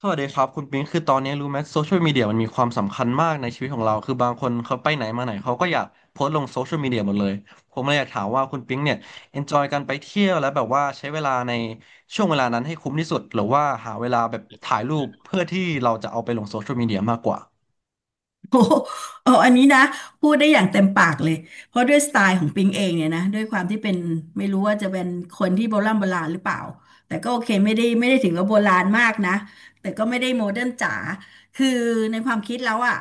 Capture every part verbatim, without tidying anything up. สวัสดีครับคุณปิงคือตอนนี้รู้ไหมโซเชียลมีเดียมันมีความสำคัญมากในชีวิตของเราคือบางคนเขาไปไหนมาไหนเขาก็อยากโพสต์ลงโซเชียลมีเดียหมดเลยผมเลยอยากถามว่าคุณปิงเนี่ยเอนจอยการไปเที่ยวและแบบว่าใช้เวลาในช่วงเวลานั้นให้คุ้มที่สุดหรือว่าหาเวลาแบบถ่ายรูปเพื่อที่เราจะเอาไปลงโซเชียลมีเดียมากกว่าโอ้โหเอออันนี้นะพูดได้อย่างเต็มปากเลยเพราะด้วยสไตล์ของปิงเองเนี่ยนะด้วยความที่เป็นไม่รู้ว่าจะเป็นคนที่โบราณโบราณหรือเปล่าแต่ก็โอเคไม่ได้ไม่ได้ถึงกับโบราณมากนะแต่ก็ไม่ได้โมเดิร์นจ๋าคือในความคิดแล้วอ่ะ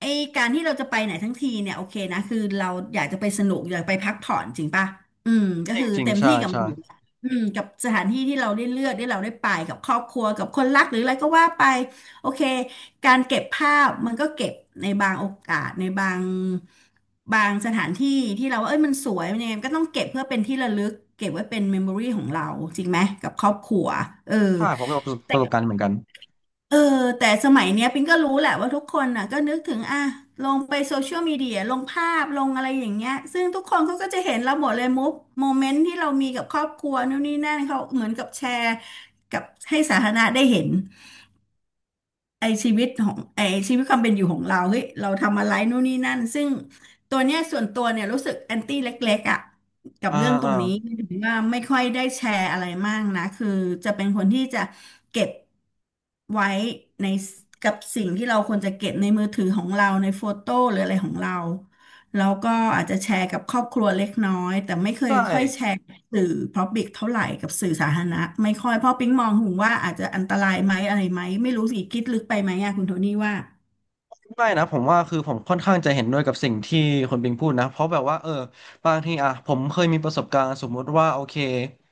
ไอการที่เราจะไปไหนทั้งทีเนี่ยโอเคนะคือเราอยากจะไปสนุกอยากไปพักผ่อนจริงป่ะอืมก็จคือริงเต็มๆใช่ที่กับมัใช่นอยู่แล้วอืมกับสถานที่ที่เราได้เลือกที่เราได้ไปกับครอบครัวกับคนรักหรืออะไรก็ว่าไปโอเค การเก็บภาพมันก็เก็บในบางโอกาสในบางบางสถานที่ที่เราว่าเอ้ยมันสวยมันยังไงมันก็ต้องเก็บเพื่อเป็นที่ระลึกเก็บไว้เป็นเมมโมรี่ของเราจริงไหมกับครอบครัวเออใช่ผมก็ประสบแต่ประสบการณ์เหมือนกันเออแต่สมัยเนี้ยปิงก็รู้แหละว่าทุกคนน่ะก็นึกถึงอ่ะลงไปโซเชียลมีเดียลงภาพลงอะไรอย่างเงี้ยซึ่งทุกคนเขาก็จะเห็นเราหมดเลยมุกโมเมนต์ที่เรามีกับครอบครัวนู่นนี่นั่นเขาเหมือนกับแชร์กับให้สาธารณะได้เห็น ไอชีวิตของไอชีวิตความเป็นอยู่ของเราเฮ้ยเราทำอะไรนู่นนี่นั่นซึ่งตัวเนี้ยส่วนตัวเนี่ยรู้สึกแอนตี้เล็กๆอ่ะกับอ่าเรื่องตรอ่างนี้ถึงว่าไม่ค่อยได้แชร์อะไรมากนะคือจะเป็นคนที่จะเก็บไว้ในกับสิ่งที่เราควรจะเก็บในมือถือของเราในโฟโต้หรืออะไรของเราแล้วก็อาจจะแชร์กับครอบครัวเล็กน้อยแต่ไม่เคยใช่ ค่อยแชร์ สื่อ Public เท่าไหร่กับสื่อสาธารณะไม่ค่อยเพราะปิ๊งมองถึงว่าอาจจะอันตรายไหมอะไรไหมไม่รู้สิคิดลึกไปไหมอะคุณโทนี่ว่าไม่นะผมว่าคือผมค่อนข้างจะเห็นด้วยกับสิ่งที่คนปิงพูดนะเพราะแบบว่าเออบางทีอ่ะผมเคยมีประสบการณ์สมมุติว่าโอเค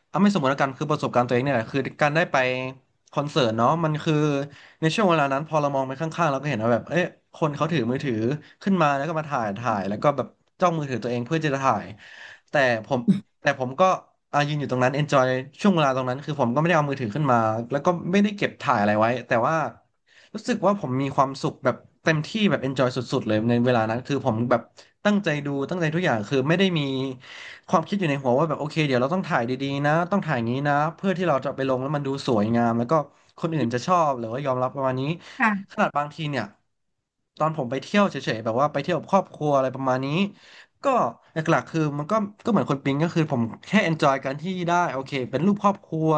เอาไม่สมมติแล้วกันคือประสบการณ์ตัวเองเนี่ยแหละคือการได้ไปคอนเสิร์ตเนาะมันคือในช่วงเวลานั้นพอเรามองไปข้างๆเราก็เห็นว่าแบบเอ๊ะคนเขาถือมือถือขึ้นมาแล้วก็มาถ่ายถ่ายแล้วก็แบบจ้องมือถือตัวเองเพื่อจะถ่ายแต่ผมแต่ผมก็อ่ะยืนอยู่ตรงนั้น enjoy ช่วงเวลาตรงนั้นคือผมก็ไม่ได้เอามือถือขึ้นมาแล้วก็ไม่ได้เก็บถ่ายอะไรไว้แต่ว่า รู้สึกว่าผมมีความสุขแบบเต็มที่แบบ Enjoy สุดๆเลยในเวลานั้นคือผมแบบตั้งใจดูตั้งใจทุกอย่างคือไม่ได้มีความคิดอยู่ในหัวว่าแบบโอเคเดี๋ยวเราต้องถ่ายดีๆนะต้องถ่ายอย่างนี้นะเพื่อที่เราจะไปลงแล้วมันดูสวยงามแล้วก็คนอื่นจะชอบหรือว่ายอมรับประมาณนี้ขค่ะนาดบางทีเนี่ยตอนผมไปเที่ยวเฉยๆแบบว่าไปเที่ยวกับครอบครัวอะไรประมาณนี้ก็หลักๆคือมันก็ก็เหมือนคนปิ๊งก็คือผมแค่ enjoy การที่ได้โอเคเป็นรูปครอบครัว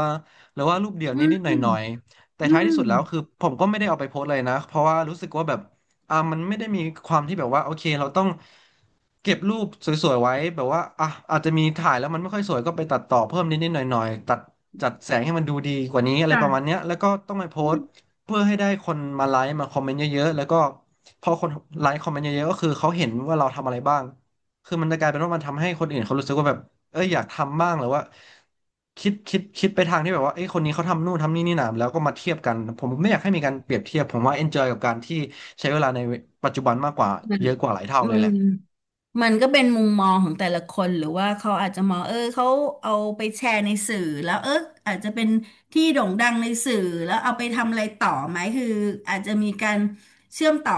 หรือว่ารูปเดี่ยวอืนิดๆหมน่อย แต่อืท้ายที่สุดแล้วคือมผมก็ไม่ได้เอาไปโพสต์เลยนะเพราะว่ารู้สึกว่าแบบอ่ามันไม่ได้มีความที่แบบว่าโอเคเราต้องเก็บรูปสวยๆไว้แบบว่าอ่ะอาจจะมีถ่ายแล้วมันไม่ค่อยสวยก็ไปตัดต่อเพิ่มนิดๆหน่อยๆตัดจัดแสงให้มันดูดีกว่านี้อะไรประมาณค่ะเนี้ยแล้วก็ต้องไปโพสต์เพื่อให้ได้คนมาไลค์มาคอมเมนต์เยอะๆแล้วก็พอคนไลค์คอมเมนต์เยอะๆก็คือเขาเห็นว่าเราทำอะไรบ้างคือมันจะกลายเป็นว่ามันทำให้คนอื่นเขารู้สึกว่าแบบ เอ้ยอยากทำบ้างหรือว่าคิดคิดคิดไปทางที่แบบว่าเอ้ยคนนี้เขาทำนู่นทำนี่นี่นะแล้วก็มาเทียบกันผมไม่อยากให้มีการเปรียบเทียบผมว่า enjoy กับการที่ใช้เวลาในปัจจุบันมากกว่ามันเยอะกว่าหลายเท่าเลมัยแหน ละมันก็เป็นมุมมองของแต่ละคนหรือว่าเขาอาจจะมองเออเขาเอาไปแชร์ในสื่อแล้วเอออาจจะเป็นที่โด่งดังในสื่อแล้วเอาไปทำอะไรต่อไหมคืออาจจะมีการเชื่อมต่อ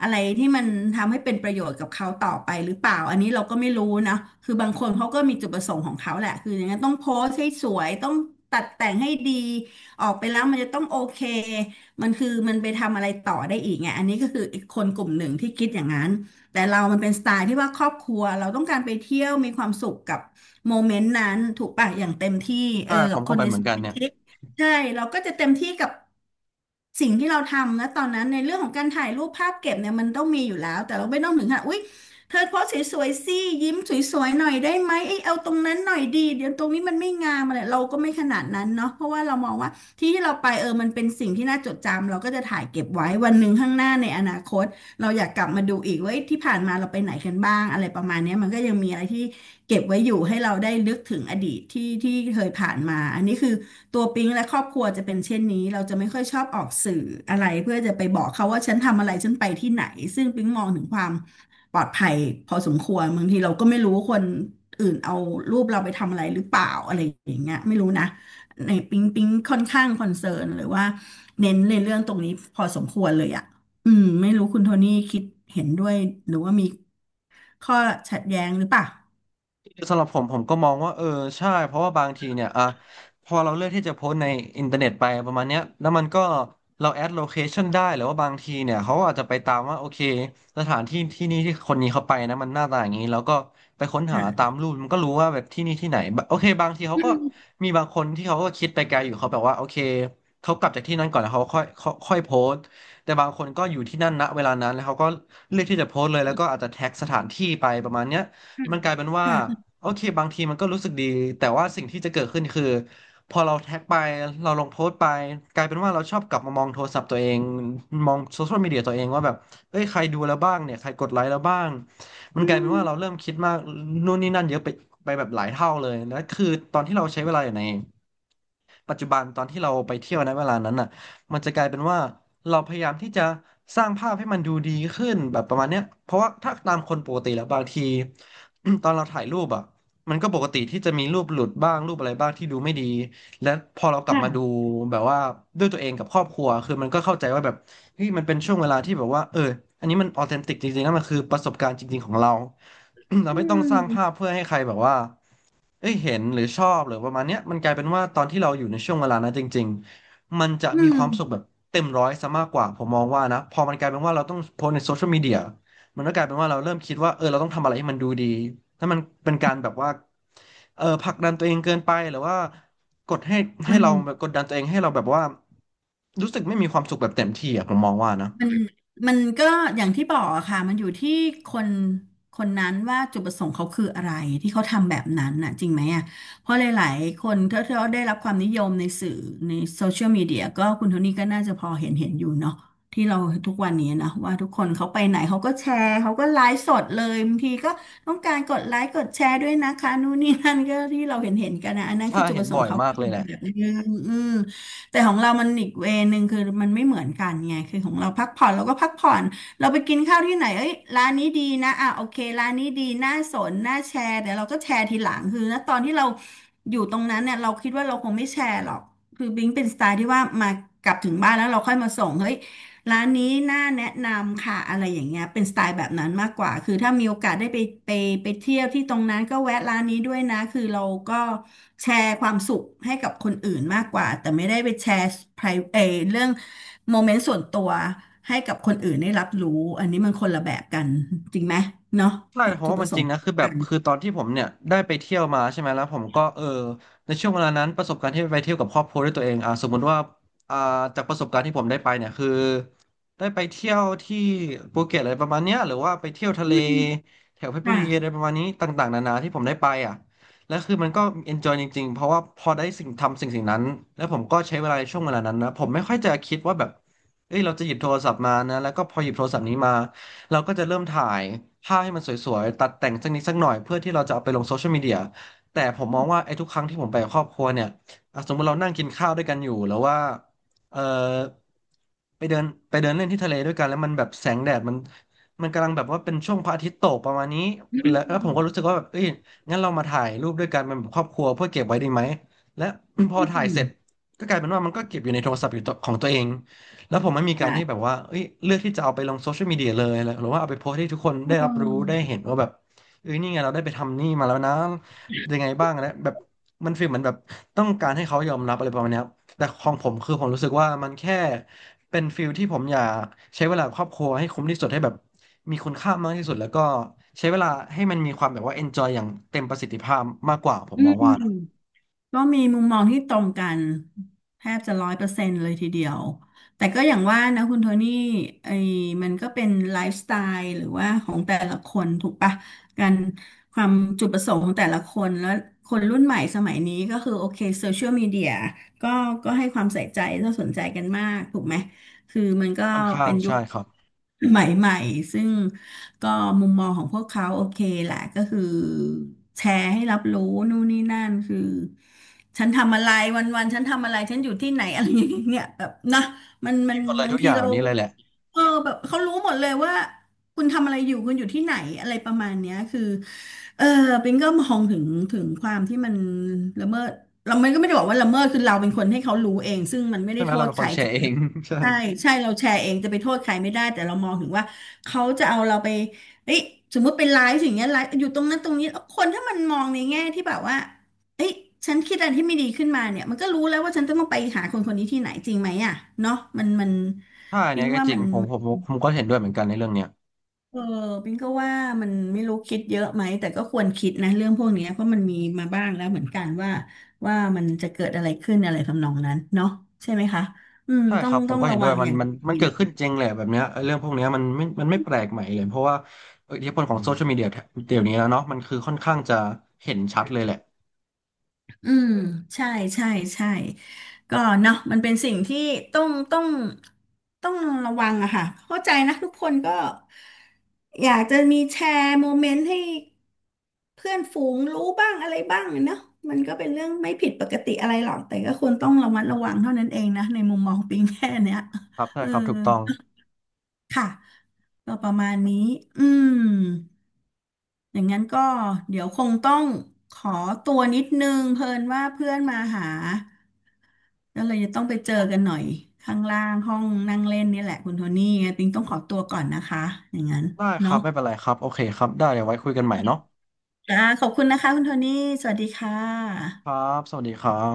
อะไรที่มันทำให้เป็นประโยชน์กับเขาต่อไปหรือเปล่าอันนี้เราก็ไม่รู้นะคือบางคนเขาก็มีจุดประสงค์ของเขาแหละคืออย่างนั้นต้องโพสต์ให้สวยต้องตัดแต่งให้ดีออกไปแล้วมันจะต้องโอเคมันคือมันไปทำอะไรต่อได้อีกไงอันนี้ก็คืออีกคนกลุ่มหนึ่งที่คิดอย่างนั้น แต่เรามันเป็นสไตล์ที่ว่าครอบครัวเราต้องการไปเที่ยวมีความสุขกับโมเมนต์นั้นถูกป่ะอย่างเต็มที่เออถ้าผกับมคก็นไปในเหมือสนกันมาเนี่ย ชิกใช่เราก็จะเต็มที่กับสิ่งที่เราทำนะตอนนั้นในเรื่องของการถ่ายรูปภาพเก็บเนี่ยมันต้องมีอยู่แล้วแต่เราไม่ต้องถึงขนาดอุ๊ยเธอโพสสวยๆสิยิ้มสวยๆหน่อยได้ไหมเอ้ยเอาตรงนั้นหน่อยดีเดี๋ยวตรงนี้มันไม่งามอะไรเราก็ไม่ขนาดนั้นเนาะเพราะว่าเรามองว่าที่ที่เราไปเออมันเป็นสิ่งที่น่าจดจำเราก็จะถ่ายเก็บไว้วันหนึ่งข้างหน้าในอนาคต เราอยากกลับมาดูอีกว่าที่ผ่านมาเราไปไหนกันบ้างอะไรประมาณเนี้ยมันก็ยังมีอะไรที่เก็บไว้อยู่ให้เราได้นึกถึงอดีตที่ที่เคยผ่านมาอันนี้คือตัวปิ๊งและครอบครัวจะเป็นเช่นนี้เราจะไม่ค่อยชอบออกสื่ออะไรเพื่อจะไปบอกเขาว่าฉันทำอะไรฉันไปที่ไหนซึ่งปิ๊งมองถึงความปลอดภัยพอสมควรบางทีเราก็ไม่รู้ว่าคนอื่นเอารูปเราไปทำอะไรหรือเปล่าอะไรอย่างเงี้ยไม่รู้นะในปิ๊งปิ๊งค่อนข้างคอนเซิร์นหรือว่าเน้นในเรื่องตรงนี้พอสมควรเลยอะ อืมไม่รู้คุณโทนี่คิดเห็นด้วยหรือว่ามีข้อขัดแย้งหรือเปล่าสำหรับผมผมก็มองว่าเออใช่เพราะว่าบางทีเนี่ยอ่ะพอเราเลือกที่จะโพสต์ในอินเทอร์เน็ตไปประมาณเนี้ยแล้วมันก็เราแอดโลเคชันได้หรือว่าบางทีเนี่ยเขาอาจจะไปตามว่าโอเคสถานที่ที่นี่ที่คนนี้เขาไปนะมันหน้าตาอย่างนี้แล้วก็ไปค้นหาอ่ตาามรูปมันก็รู้ว่าแบบที่นี่ที่ไหนบะโอเคบางทีเขาอืก็มมีบางคนที่เขาก็คิดไปไกลอยู่เขาแบบว่าโอเคเขากลับจากที่นั่นก่อนแล้วเขาค่อยค่อยค่อยโพสต์แต่บางคนก็อยู่ที่นั่นณเวลานั้นแล้วเขาก็เลือกที่จะโพสต์เลยแล้วก็อาจจะแท็กสถานที่ไปประมาณเนี้ย มันกลายเป็นว่าค่ะค่ะโอเคบางทีมันก็รู้สึกดีแต่ว่าสิ่งที่จะเกิดขึ้นคือพอเราแท็กไปเราลงโพสต์ไปกลายเป็นว่าเราชอบกลับมามองโทรศัพท์ตัวเองมองโซเชียลมีเดียตัวเองว่าแบบเอ้ยใครดูแล้วบ้างเนี่ยใครกดไลค์แล้วบ้างมัอืนกลายเป็นมว่าเราเริ่มคิดมากนู่นนี่นั่นเยอะไปไปแบบหลายเท่าเลยแล้วคือตอนที่เราใช้เวลาอยู่ใน ปัจจุบันตอนที่เราไปเที่ยวในเวลานั้นน่ะมันจะกลายเป็นว่าเราพยายามที่จะสร้างภาพให้มันดูดีขึ้นแบบประมาณเนี้ยเพราะว่าถ้าตามคนปกติแล้วบางที ตอนเราถ่ายรูปอ่ะมันก็ปกติที่จะมีรูปหลุดบ้างรูปอะไรบ้างที่ดูไม่ดีและพอเรากลับมาค่ะดูแบบว่าด้วยตัวเองกับครอบครัวคือมันก็เข้าใจว่าแบบเฮ้ยมันเป็นช่วงเวลาที่แบบว่าเอออันนี้มันออเทนติกจริงๆนะมันคือประสบการณ์จริงๆของเรา เราอืไม่ต้องสร้างภาพมเพื่อให้ใครแบบว่า เอ้ยเห็นหรือชอบหรือประมาณเนี้ยมันกลายเป็นว่าตอนที่เราอยู่ในช่วงเวลานั้นจริงๆมันจะอืมีมความสุขแบบเต็มร้อยซะมากกว่าผมมองว่านะพอมันกลายเป็นว่าเราต้องโพสต์ในโซเชียลมีเดียมันก็กลายเป็นว่าเราเริ่มคิดว่าเออเราต้องทำอะไรให้มันดูดีถ้ามันเป็นการแบบว่าเออผลักดันตัวเองเกินไปหรือว่ากดให้ให้มัน เราแบบกดดันตัวเองให้เราแบบว่ารู้สึกไม่มีความสุขแบบเต็มที่อะผมมองว่านะมันมันก็อย่างที่บอกอะค่ะมันอยู่ที่คนคนนั้นว่าจุดประสงค์เขาคืออะไรที่เขาทำแบบนั้นน่ะจริงไหมอ่ะเพราะหลายๆคนถ้าที่เขาได้รับความนิยมในสื่อในโซเชียลมีเดียก็คุณโทนี่ก็น่าจะพอเห็นเห็นอยู่เนาะที่เราทุกวันนี้นะว่าทุกคนเขาไปไหนเขาก็แชร์เขาก็ไลฟ์สดเลยบางทีก็ต้องการกดไลค์กดแชร์ด้วยนะคะนู่นนี่นั่นก็ที่เราเห็นเห็นกันนะอันนั้นคืถ้าอจุดเห็ปนระสงบ่ค์อยเขามากเลคือยแหละ แบบนึงอืม แต่ของเรามันอีกเวนึงคือมันไม่เหมือนกันไงคือของเราพักผ่อนเราก็พักผ่อนเราไปกินข้าวที่ไหนเอ้ยร้านนี้ดีนะอ่ะโอเคร้านนี้ดีน่าสนน่าแชร์เดี๋ยวเราก็แชร์ทีหลังคือณตอนที่เราอยู่ตรงนั้นเนี่ยเราคิดว่าเราคงไม่แชร์หรอกคือบิงเป็นสไตล์ที่ว่ามากลับถึงบ้านแล้วเราค่อยมาส่งเฮ้ย ร้านนี้น่าแนะนำค่ะอะไรอย่างเงี้ยเป็นสไตล์แบบนั้นมากกว่าคือถ้ามีโอกาสได้ไปไปไปเที่ยวที่ตรงนั้นก็แวะร้านนี้ด้วยนะคือเราก็แชร์ความสุขให้กับคนอื่นมากกว่าแต่ไม่ได้ไปแชร์ pri- เออเรื่องโมเมนต์ส่วนตัวให้กับคนอื่นได้รับรู้อันนี้มันคนละแบบกันจริงไหมเนาะใช่ความเพราะจุดว่าปมัระนสจริงงค์นะคือแบกับนคือตอนที่ผมเนี่ยได้ไปเที่ยวมาใช่ไหมแล้วผมก็เออในช่วงเวลานั้นประสบการณ์ที่ไปเที่ยวกับครอบครัวด้วยตัวเองอ่าสมมุติว่าอ่าจากประสบการณ์ที่ผมได้ไปเนี่ยคือได้ไปเที่ยวที่ภูเก็ตอะไรประมาณเนี้ยหรือว่าไปเที่ยวทะอืเลมแถวเพชรบุค่ะรีอะไรประมาณนี้ต่างๆนานาที่ผมได้ไปอ่ะและคือมันก็ enjoy จริงๆเพราะว่าพอได้สิ่งทำสิ่งสิ่งนั้นแล้วผมก็ใช้เวลาในช่วงเวลานั้นนะผมไม่ค่อยจะคิดว่าแบบเอ้ยเราจะหยิบโทรศัพท์มานะแล้วก็พอหยิบโทรศัพท์นี้มา เราก็จะเริ่มถ่ายภาพให้มันสวยๆตัดแต่งสักนิดสักหน่อยเพื่อที่เราจะเอาไปลงโซเชียลมีเดียแต่ผมมองว่าไอ้ทุกครั้งที่ผมไปกับครอบครัวเนี่ยอ่ะสมมติเรานั่งกินข้าวด้วยกันอยู่แล้วว่าเออไปเดินไปเดินเล่นที่ทะเลด้วยกันแล้วมันแบบแสงแดดมันมันกำลังแบบว่าเป็นช่วงพระอาทิตย์ตกประมาณนี้อืมแล้วแล้วผมก็รู้สึกว่าแบบเอ้ยงั้นเรามาถ่ายรูปด้วยกันเป็นแบบครอบครัวเพื่อเก็บไว้ดีไหมและ พออืถ่ายเสมร็จก็กลายเป็นว่ามันก็เก็บอยู่ในโทรศัพท์อยู่ตัวของตัวเอง แล้วผมไม่มีการที่แบบใช่ว่าเอ้ยเลือกที่จะเอาไปลงโซเชียลมีเดียเลยอะไรหรือว่าเอาไปโพสต์ให้ทุกคนได้รัเอบอรู้ได้เห็นว่าแบบเอ้ยนี่ไงเราได้ไปทำนี่มาแล้วนะยังไงบ้างนะแบบมันฟีลเหมือนแบบต้องการให้เขายอมรับอะไรประมาณเนี้ยครับแต่ของผมคือผมรู้สึกว่ามันแค่เป็นฟีลที่ผมอยากใช้เวลากับครอบครัวให้คุ้มที่สุดให้แบบมีคุณค่ามากที่สุดแล้วก็ใช้เวลาให้มันมีความแบบว่า enjoy อย่างเต็มประสิทธิภาพมากกว่าผมอืมม องว่านะก็มีมุมมองที่ตรงกันแทบจะร้อยเปอร์เซ็นต์เลยทีเดียวแต่ก็อย่างว่านะคุณโทนี่ไอ้มันก็เป็นไลฟ์สไตล์หรือว่าของแต่ละคนถูกปะการความจุดประสงค์ของแต่ละคนแล้วคนรุ่นใหม่สมัยนี้ก็คือโอเคโซเชียลมีเดียก็ก็ให้ความใส่ใจและสนใจกันมากถูกไหมคือมันก็ค่อนข้าเป็งนยุใช่คครับใหม่ๆซึ่ง ก็มุมมองของพวกเขาโอเคแหละก็คือแชร์ให้รับรู้นู่นนี่นั่นคือฉันทำอะไรวันวันฉันทำอะไรฉันอยู่ที่ไหนอะไรอย่างเงี้ยแบบนะมันมัมีนหมดเลยบางทุกอทีย่างแบเราบนี้เลยแหละเออแบบเขารู้หมดเลยว่าคุณทำอะไรอยู่คุณอยู่ที่ไหนอะไรประมาณเนี้ยคือเออปิงก็มองถึงถึงความที่มันละเมิดเราไม่ก็ไม่ได้บอกว่าละเมิดคือเราเป็นคนให้เขารู้เองซึ่งมันไม่ใช่ได้ไหมโทเราษเป็นใคครนแชจริร์งเอนะง ใช่ ใช่ใช่เราแชร์เองจะไปโทษใครไม่ได้แต่เรามองถึงว่า เขาจะเอาเราไปเอ้ยสมมุติเป็นไลฟ์อย่างเงี้ยไลฟ์อยู่ตรงนั้นตรงนี้้คนถ้ามันมองในแง่ที่แบบว่าเอ้ยฉันคิดอะไรที่ไม่ดีขึ้นมาเนี่ยมันก็รู้แล้วว่าฉันต้องไปหาคนคนนี้ที่ไหนจริงไหมอ่ะเนาะมันมันถ้าอันเนี้ปิ๊งยก็ว่าจริมังนผมผมผมผมก็เห็นด้วยเหมือนกันในเรื่องเนี้ยเออปิ๊งก็ว่ามันไม่รู้คิดเยอะไหมแต่ก็ควรคิดนะเรื่องพวกเนี้ยเพราะมันมีมาบ้างแล้วเหมือนกันว่าว่ามันจะเกิดอะไรขึ้นอะไรทำนองนั้นเนาะใช่ไหมคะอืมใช่ต้อคงรับผต้มองก็เห็ระนด้ววัยงมัอนย่างมันมัดีนเกิเลดย ขึ้นจริงแหละแบบเนี้ยไอ้เรื่องพวกเนี้ยมันไม่มันไม่แปลกใหม่เลยเพราะว่าอิทธิพลของโซเชียลมีเดียเดี๋ยวนี้แล้วเนาะมันคือค่อนข้างจะเห็นชัดเลยแหละอืมใช่ใช่ใช่ก็เนาะมันเป็นสิ่งที่ต้องต้องต้องระวังอะค่ะเข้าใจนะทุกคนก็อยากจะมีแชร์โมเมนต์ให้เพื่อนฝูงรู้บ้างอะไรบ้างเนาะมันก็เป็นเรื่องไม่ผิดปกติอะไรหรอกแต่ก็ควรต้องระมัดระวังเท่านั้นเองนะในมุมมองปิงแค่เนี้ยครับใช่เออครับถูกต้องค่ะก็ประมาณนี้อืม อย่างนั้นก็เดี๋ยวคงต้องขอตัวนิดนึงเพิ่นว่าเพื่อนมาหาแล้วเลยจะต้องไปเจอกันหน่อยข้างล่างห้องนั่งเล่นนี่แหละคุณโทนี่ไงปิงต้องขอตัวก่อนนะคะอย่างนั้นได้ครัเนาะบไม่เป็นไรครับโอเคครับได้เดี๋ยวไว้คุยกันใหม่เนาะจ้าขอบคุณนะคะคุณโทนี่สวัสดีค่ะครับสวัสดีครับ